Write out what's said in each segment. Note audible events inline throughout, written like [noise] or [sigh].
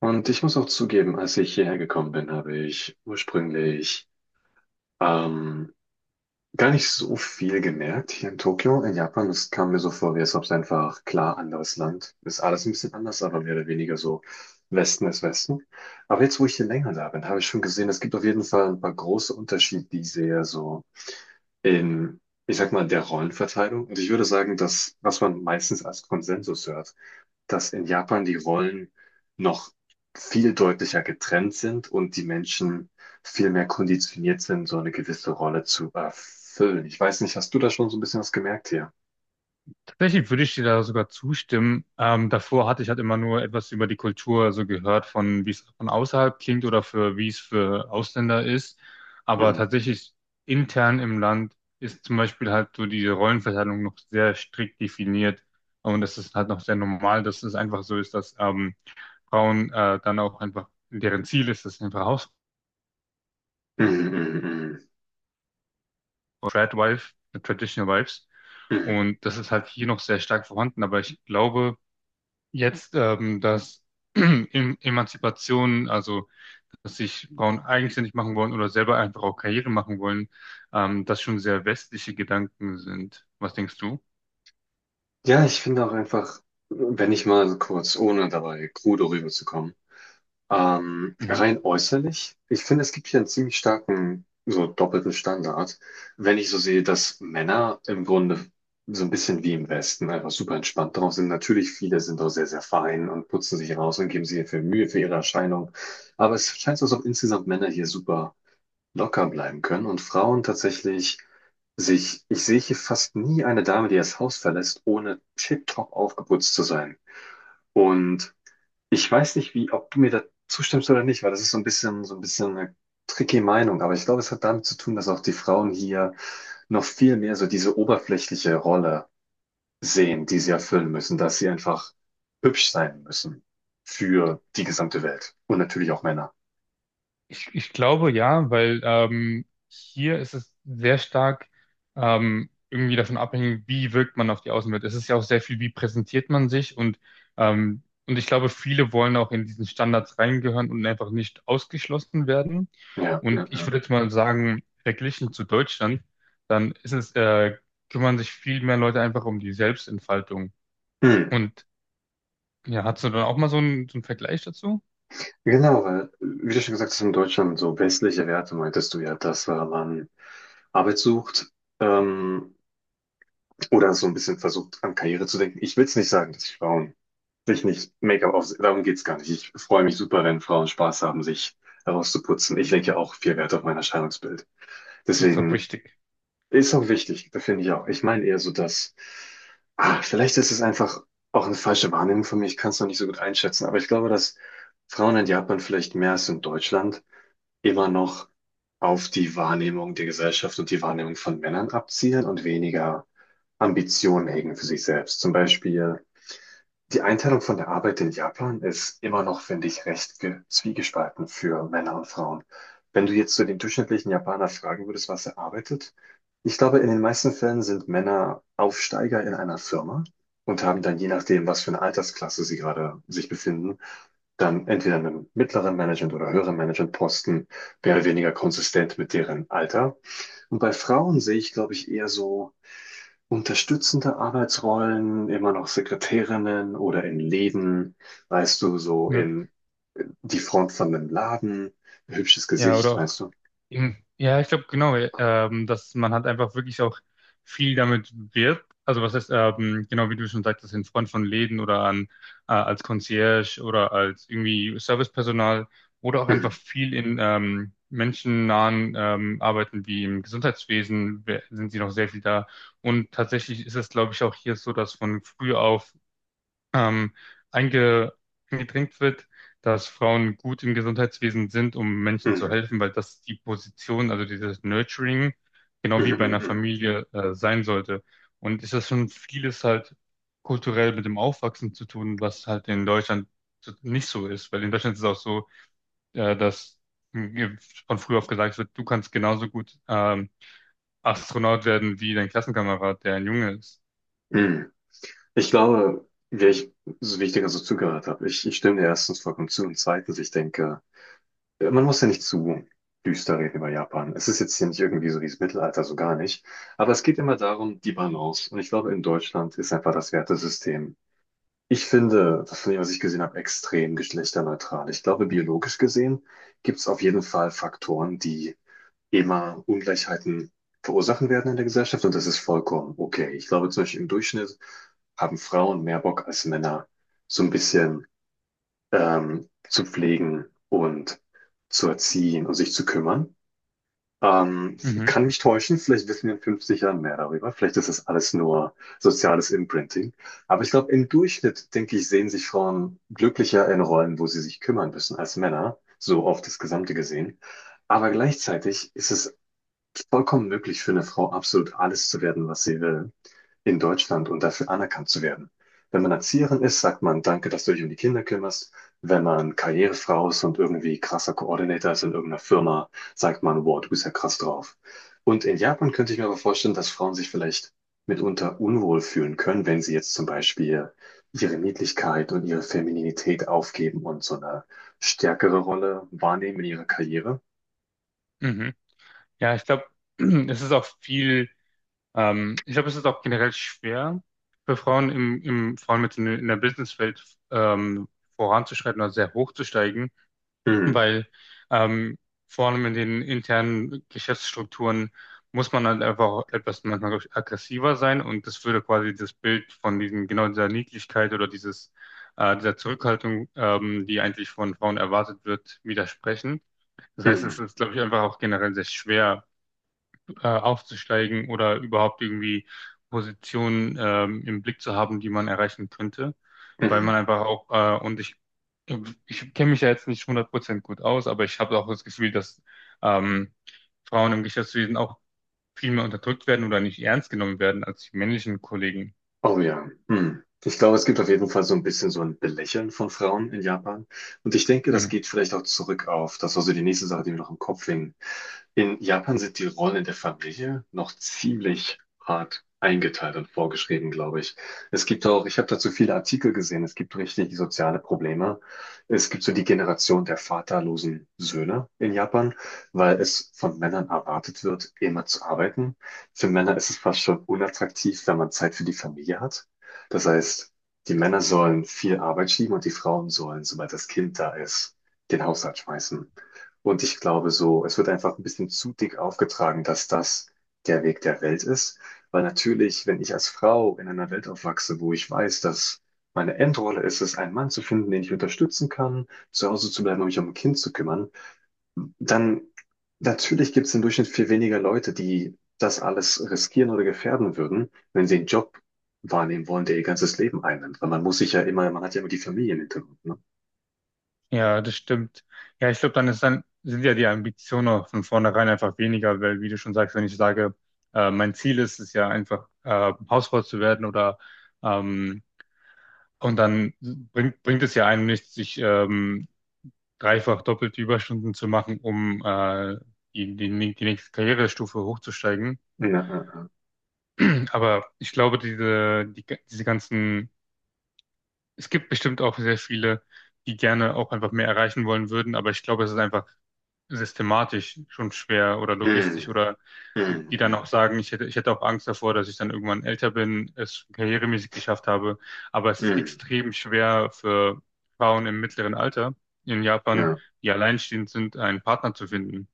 Und ich muss auch zugeben, als ich hierher gekommen bin, habe ich ursprünglich ähm, gar nicht so viel gemerkt hier in Tokio. In Japan, es kam mir so vor, wie als ob es einfach klar anderes Land ist. Alles ein bisschen anders, aber mehr oder weniger so Westen ist Westen. Aber jetzt, wo ich hier länger da bin, habe ich schon gesehen, es gibt auf jeden Fall ein paar große Unterschiede, die ich sehe, so in, ich sag mal, der Rollenverteilung. Und ich würde sagen, dass was man meistens als Konsensus hört, dass in Japan die Rollen noch viel deutlicher getrennt sind und die Menschen viel mehr konditioniert sind, so eine gewisse Rolle zu erfüllen. Ich weiß nicht, hast du da schon so ein bisschen was gemerkt hier? Tatsächlich würde ich dir da sogar zustimmen. Davor hatte ich halt immer nur etwas über die Kultur so gehört, von wie es von außerhalb klingt oder für wie es für Ausländer ist. Aber Mhm. tatsächlich intern im Land ist zum Beispiel halt so diese Rollenverteilung noch sehr strikt definiert. Und es ist halt noch sehr normal, dass es einfach so ist, dass Frauen dann auch einfach, deren Ziel ist, das sind einfach Hausfrauen, Mhm, mhm, Tradwife, Traditional Wives. mhm, mhm. Und das ist halt hier noch sehr stark vorhanden. Aber ich glaube, jetzt, dass [clears throat] Emanzipation, also dass sich Frauen eigenständig machen wollen oder selber einfach auch Karriere machen wollen, das schon sehr westliche Gedanken sind. Was denkst du? Ja, ich finde auch einfach, wenn ich mal kurz, ohne dabei krude rüberzukommen, rein äußerlich, ich finde, es gibt hier einen ziemlich starken, so doppelten Standard, wenn ich so sehe, dass Männer im Grunde so ein bisschen wie im Westen einfach super entspannt drauf sind. Natürlich, viele sind auch sehr, sehr fein und putzen sich raus und geben sich viel Mühe für ihre Erscheinung. Aber es scheint so, als ob insgesamt Männer hier super locker bleiben können und Frauen tatsächlich sich, ich sehe hier fast nie eine Dame, die das Haus verlässt, ohne tipptopp aufgeputzt zu sein. Und ich weiß nicht, wie, ob du mir da zustimmst oder nicht, weil das ist so ein bisschen eine tricky Meinung. Aber ich glaube, es hat damit zu tun, dass auch die Frauen hier noch viel mehr so diese oberflächliche Rolle sehen, die sie erfüllen müssen, dass sie einfach hübsch sein müssen für die gesamte Welt. Und natürlich auch Männer. Ich glaube ja, weil hier ist es sehr stark irgendwie davon abhängig, wie wirkt man auf die Außenwelt. Es ist ja auch sehr viel, wie präsentiert man sich, und ich glaube, viele wollen auch in diesen Standards reingehören und einfach nicht ausgeschlossen werden. Ja, ja, Und ich ja. würde jetzt mal sagen, verglichen zu Deutschland, dann ist es kümmern sich viel mehr Leute einfach um die Selbstentfaltung. Hm. Und ja, hast du dann auch mal so einen Vergleich dazu? Genau, weil, wie du schon gesagt hast, in Deutschland so westliche Werte meintest du ja, dass man Arbeit sucht, ähm, oder so ein bisschen versucht, an Karriere zu denken. Ich will es nicht sagen, dass Frauen sich nicht Make-up auf, darum geht's gar nicht. Ich freue mich super, wenn Frauen Spaß haben, sich herauszuputzen. Ich lege ja auch viel Wert auf mein Erscheinungsbild. Ist auch Deswegen wichtig. ist auch wichtig, da finde ich auch. Ich meine eher so, dass, vielleicht ist es einfach auch eine falsche Wahrnehmung von mir. Ich kann es noch nicht so gut einschätzen, aber ich glaube, dass Frauen in Japan vielleicht mehr als in Deutschland immer noch auf die Wahrnehmung der Gesellschaft und die Wahrnehmung von Männern abzielen und weniger Ambitionen hegen für sich selbst. Zum Beispiel, die Einteilung von der Arbeit in Japan ist immer noch, finde ich, recht zwiegespalten für Männer und Frauen. Wenn du jetzt so den durchschnittlichen Japaner fragen würdest, was er arbeitet, ich glaube, in den meisten Fällen sind Männer Aufsteiger in einer Firma und haben dann, je nachdem, was für eine Altersklasse sie gerade sich befinden, dann entweder einen mittleren Management- oder höheren Managementposten, mehr oder weniger konsistent mit deren Alter. Und bei Frauen sehe ich, glaube ich, eher so unterstützende Arbeitsrollen, immer noch Sekretärinnen oder in Läden, weißt du, so Ja, in die Front von einem Laden, hübsches ja, oder Gesicht, auch. weißt du. Eben. Ja, ich glaube genau, dass man halt einfach wirklich auch viel damit wirbt. Also was heißt, genau wie du schon sagtest, in Front von Läden oder an, als Concierge oder als irgendwie Servicepersonal oder auch einfach Mhm, viel in menschennahen Arbeiten wie im Gesundheitswesen sind sie noch sehr viel da. Und tatsächlich ist es, glaube ich, auch hier so, dass von früh auf ähm, einge eingedrängt wird, dass Frauen gut im Gesundheitswesen sind, um Menschen zu mhm, helfen, weil das die Position, also dieses Nurturing, genau mhm, wie bei einer mhm, Familie, sein sollte. Und es ist schon vieles halt kulturell mit dem Aufwachsen zu tun, was halt in Deutschland nicht so ist, weil in Deutschland ist es auch so, dass mh, von früh auf gesagt wird, du kannst genauso gut Astronaut werden wie dein Klassenkamerad, der ein Junge ist. mhm. Mhm. Ich glaube, wäre ich so wichtig, dass ich zugehört habe. Ich stimme dir erstens vollkommen zu und zweitens, ich denke, man muss ja nicht zu düster reden über Japan. Es ist jetzt hier nicht irgendwie so dieses Mittelalter, so gar nicht. Aber es geht immer darum, die Balance. Und ich glaube, in Deutschland ist einfach das Wertesystem. Ich finde, das von dem, was ich gesehen habe, extrem geschlechterneutral. Ich glaube, biologisch gesehen gibt es auf jeden Fall Faktoren, die immer Ungleichheiten verursachen werden in der Gesellschaft und das ist vollkommen okay. Ich glaube, zum Beispiel im Durchschnitt haben Frauen mehr Bock als Männer, so ein bisschen zu pflegen und zu erziehen und sich zu kümmern. Ähm, Mhm, kann mich täuschen, vielleicht wissen wir in 50 Jahren mehr darüber. Vielleicht ist das alles nur soziales Imprinting. Aber ich glaube, im Durchschnitt, denke ich, sehen sich Frauen glücklicher in Rollen, wo sie sich kümmern müssen, als Männer, so auf das Gesamte gesehen. Aber gleichzeitig ist es vollkommen möglich für eine Frau, absolut alles zu werden, was sie will in Deutschland und dafür anerkannt zu werden. Wenn man Erzieherin ist, sagt man, danke, dass du dich um die Kinder kümmerst. Wenn man Karrierefrau ist und irgendwie krasser Koordinator ist in irgendeiner Firma, sagt man, wow, du bist ja krass drauf. Und in Japan könnte ich mir aber vorstellen, dass Frauen sich vielleicht mitunter unwohl fühlen können, wenn sie jetzt zum Beispiel ihre Niedlichkeit und ihre Femininität aufgeben und so eine stärkere Rolle wahrnehmen in ihrer Karriere. mhm. Ja, ich glaube, [clears throat] es ist auch viel ich glaube, es ist auch generell schwer für Frauen im vor allem jetzt in der Businesswelt ähm, voranzuschreiten oder sehr hochzusteigen, Mhm, weil ähm, vor allem in den internen Geschäftsstrukturen muss man halt einfach auch etwas manchmal, glaub ich, aggressiver sein, und das würde quasi das Bild von diesen, genau dieser Niedlichkeit oder dieses dieser Zurückhaltung, die eigentlich von Frauen erwartet wird, widersprechen. Das heißt, es mhm, ist, glaube ich, einfach auch generell sehr schwer aufzusteigen oder überhaupt irgendwie Positionen im Blick zu haben, die man erreichen könnte, weil man mhm. einfach auch, ich kenne mich ja jetzt nicht hundert Prozent gut aus, aber ich habe auch das Gefühl, dass ähm, Frauen im Geschäftswesen auch viel mehr unterdrückt werden oder nicht ernst genommen werden als die männlichen Kollegen. Oh ja. Hm. Ich glaube, es gibt auf jeden Fall so ein bisschen so ein Belächeln von Frauen in Japan. Und ich denke, das Mhm. geht vielleicht auch zurück auf, das war so die nächste Sache, die mir noch im Kopf hing, in Japan sind die Rollen in der Familie noch ziemlich hart eingeteilt und vorgeschrieben, glaube ich. Es gibt auch, ich habe dazu viele Artikel gesehen, es gibt richtig soziale Probleme. Es gibt so die Generation der vaterlosen Söhne in Japan, weil es von Männern erwartet wird, immer zu arbeiten. Für Männer ist es fast schon unattraktiv, wenn man Zeit für die Familie hat. Das heißt, die Männer sollen viel Arbeit schieben und die Frauen sollen, sobald das Kind da ist, den Haushalt schmeißen. Und ich glaube so, es wird einfach ein bisschen zu dick aufgetragen, dass das der Weg der Welt ist. Weil natürlich, wenn ich als Frau in einer Welt aufwachse, wo ich weiß, dass meine Endrolle ist es, einen Mann zu finden, den ich unterstützen kann, zu Hause zu bleiben und mich um ein Kind zu kümmern, dann natürlich gibt es im Durchschnitt viel weniger Leute, die das alles riskieren oder gefährden würden, wenn sie einen Job wahrnehmen wollen, der ihr ganzes Leben einnimmt. Weil man muss sich ja immer, man hat ja immer die Familie im Hintergrund, ne? Ja, das stimmt. Ja, ich glaube, dann ist dann, sind ja die Ambitionen auch von vornherein einfach weniger, weil, wie du schon sagst, wenn ich sage, mein Ziel ist es ja einfach, Hausfrau zu werden oder, ähm, und dann bringt es ja einem nichts, sich, dreifach doppelte Überstunden zu machen, um, die nächste Karrierestufe hochzusteigen. Ja, ja, ja. [clears throat] Aber ich glaube, diese ganzen, es gibt bestimmt auch sehr viele, die gerne auch einfach mehr erreichen wollen würden, aber ich glaube, es ist einfach systematisch schon schwer oder Mm, logistisch, oder mm, die dann auch mm, sagen, ich hätte auch Angst davor, dass ich dann irgendwann älter bin, es karrieremäßig geschafft habe. Aber es ist mm. extrem schwer für Frauen im mittleren Alter in Japan, Ja. die alleinstehend sind, einen Partner zu finden.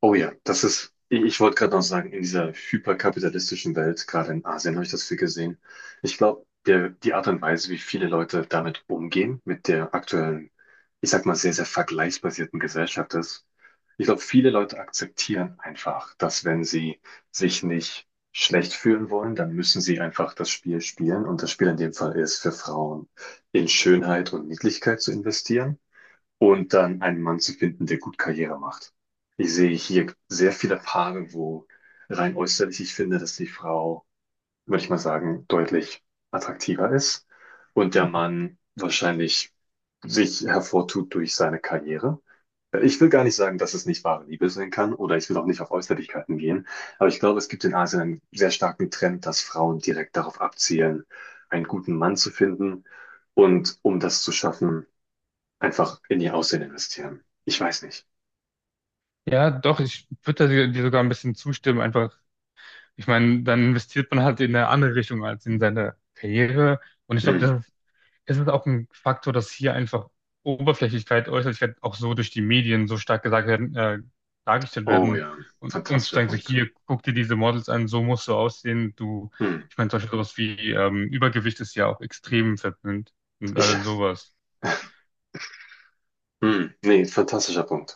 Oh ja, das ist, ich wollte gerade noch sagen, in dieser hyperkapitalistischen Welt, gerade in Asien habe ich das viel gesehen. Ich glaube, die Art und Weise, wie viele Leute damit umgehen, mit der aktuellen, ich sag mal, sehr, sehr vergleichsbasierten Gesellschaft ist, ich glaube, viele Leute akzeptieren einfach, dass wenn sie sich nicht schlecht fühlen wollen, dann müssen sie einfach das Spiel spielen. Und das Spiel in dem Fall ist, für Frauen in Schönheit und Niedlichkeit zu investieren und dann einen Mann zu finden, der gut Karriere macht. Ich sehe hier sehr viele Paare, wo rein äußerlich ich finde, dass die Frau, würde ich mal sagen, deutlich attraktiver ist und der Mann wahrscheinlich sich hervortut durch seine Karriere. Ich will gar nicht sagen, dass es nicht wahre Liebe sein kann oder ich will auch nicht auf Äußerlichkeiten gehen, aber ich glaube, es gibt in Asien einen sehr starken Trend, dass Frauen direkt darauf abzielen, einen guten Mann zu finden. Und um das zu schaffen, einfach in ihr Aussehen investieren. Ich weiß nicht. Ja, doch, ich würde dir sogar ein bisschen zustimmen. Einfach, ich meine, dann investiert man halt in eine andere Richtung als in seine Karriere. Und ich glaube, Hm. das es ist es auch ein Faktor, dass hier einfach Oberflächlichkeit, Äußerlichkeit auch so durch die Medien so stark gesagt werden, dargestellt Oh werden, ja, und uns fantastischer sagen so, Punkt. hier, guck dir diese Models an, so musst du aussehen. Du, Hm. ich meine, zum Beispiel sowas wie Übergewicht ist ja auch extrem verpönt und Ich, all sowas. hm. Nee, fantastischer Punkt.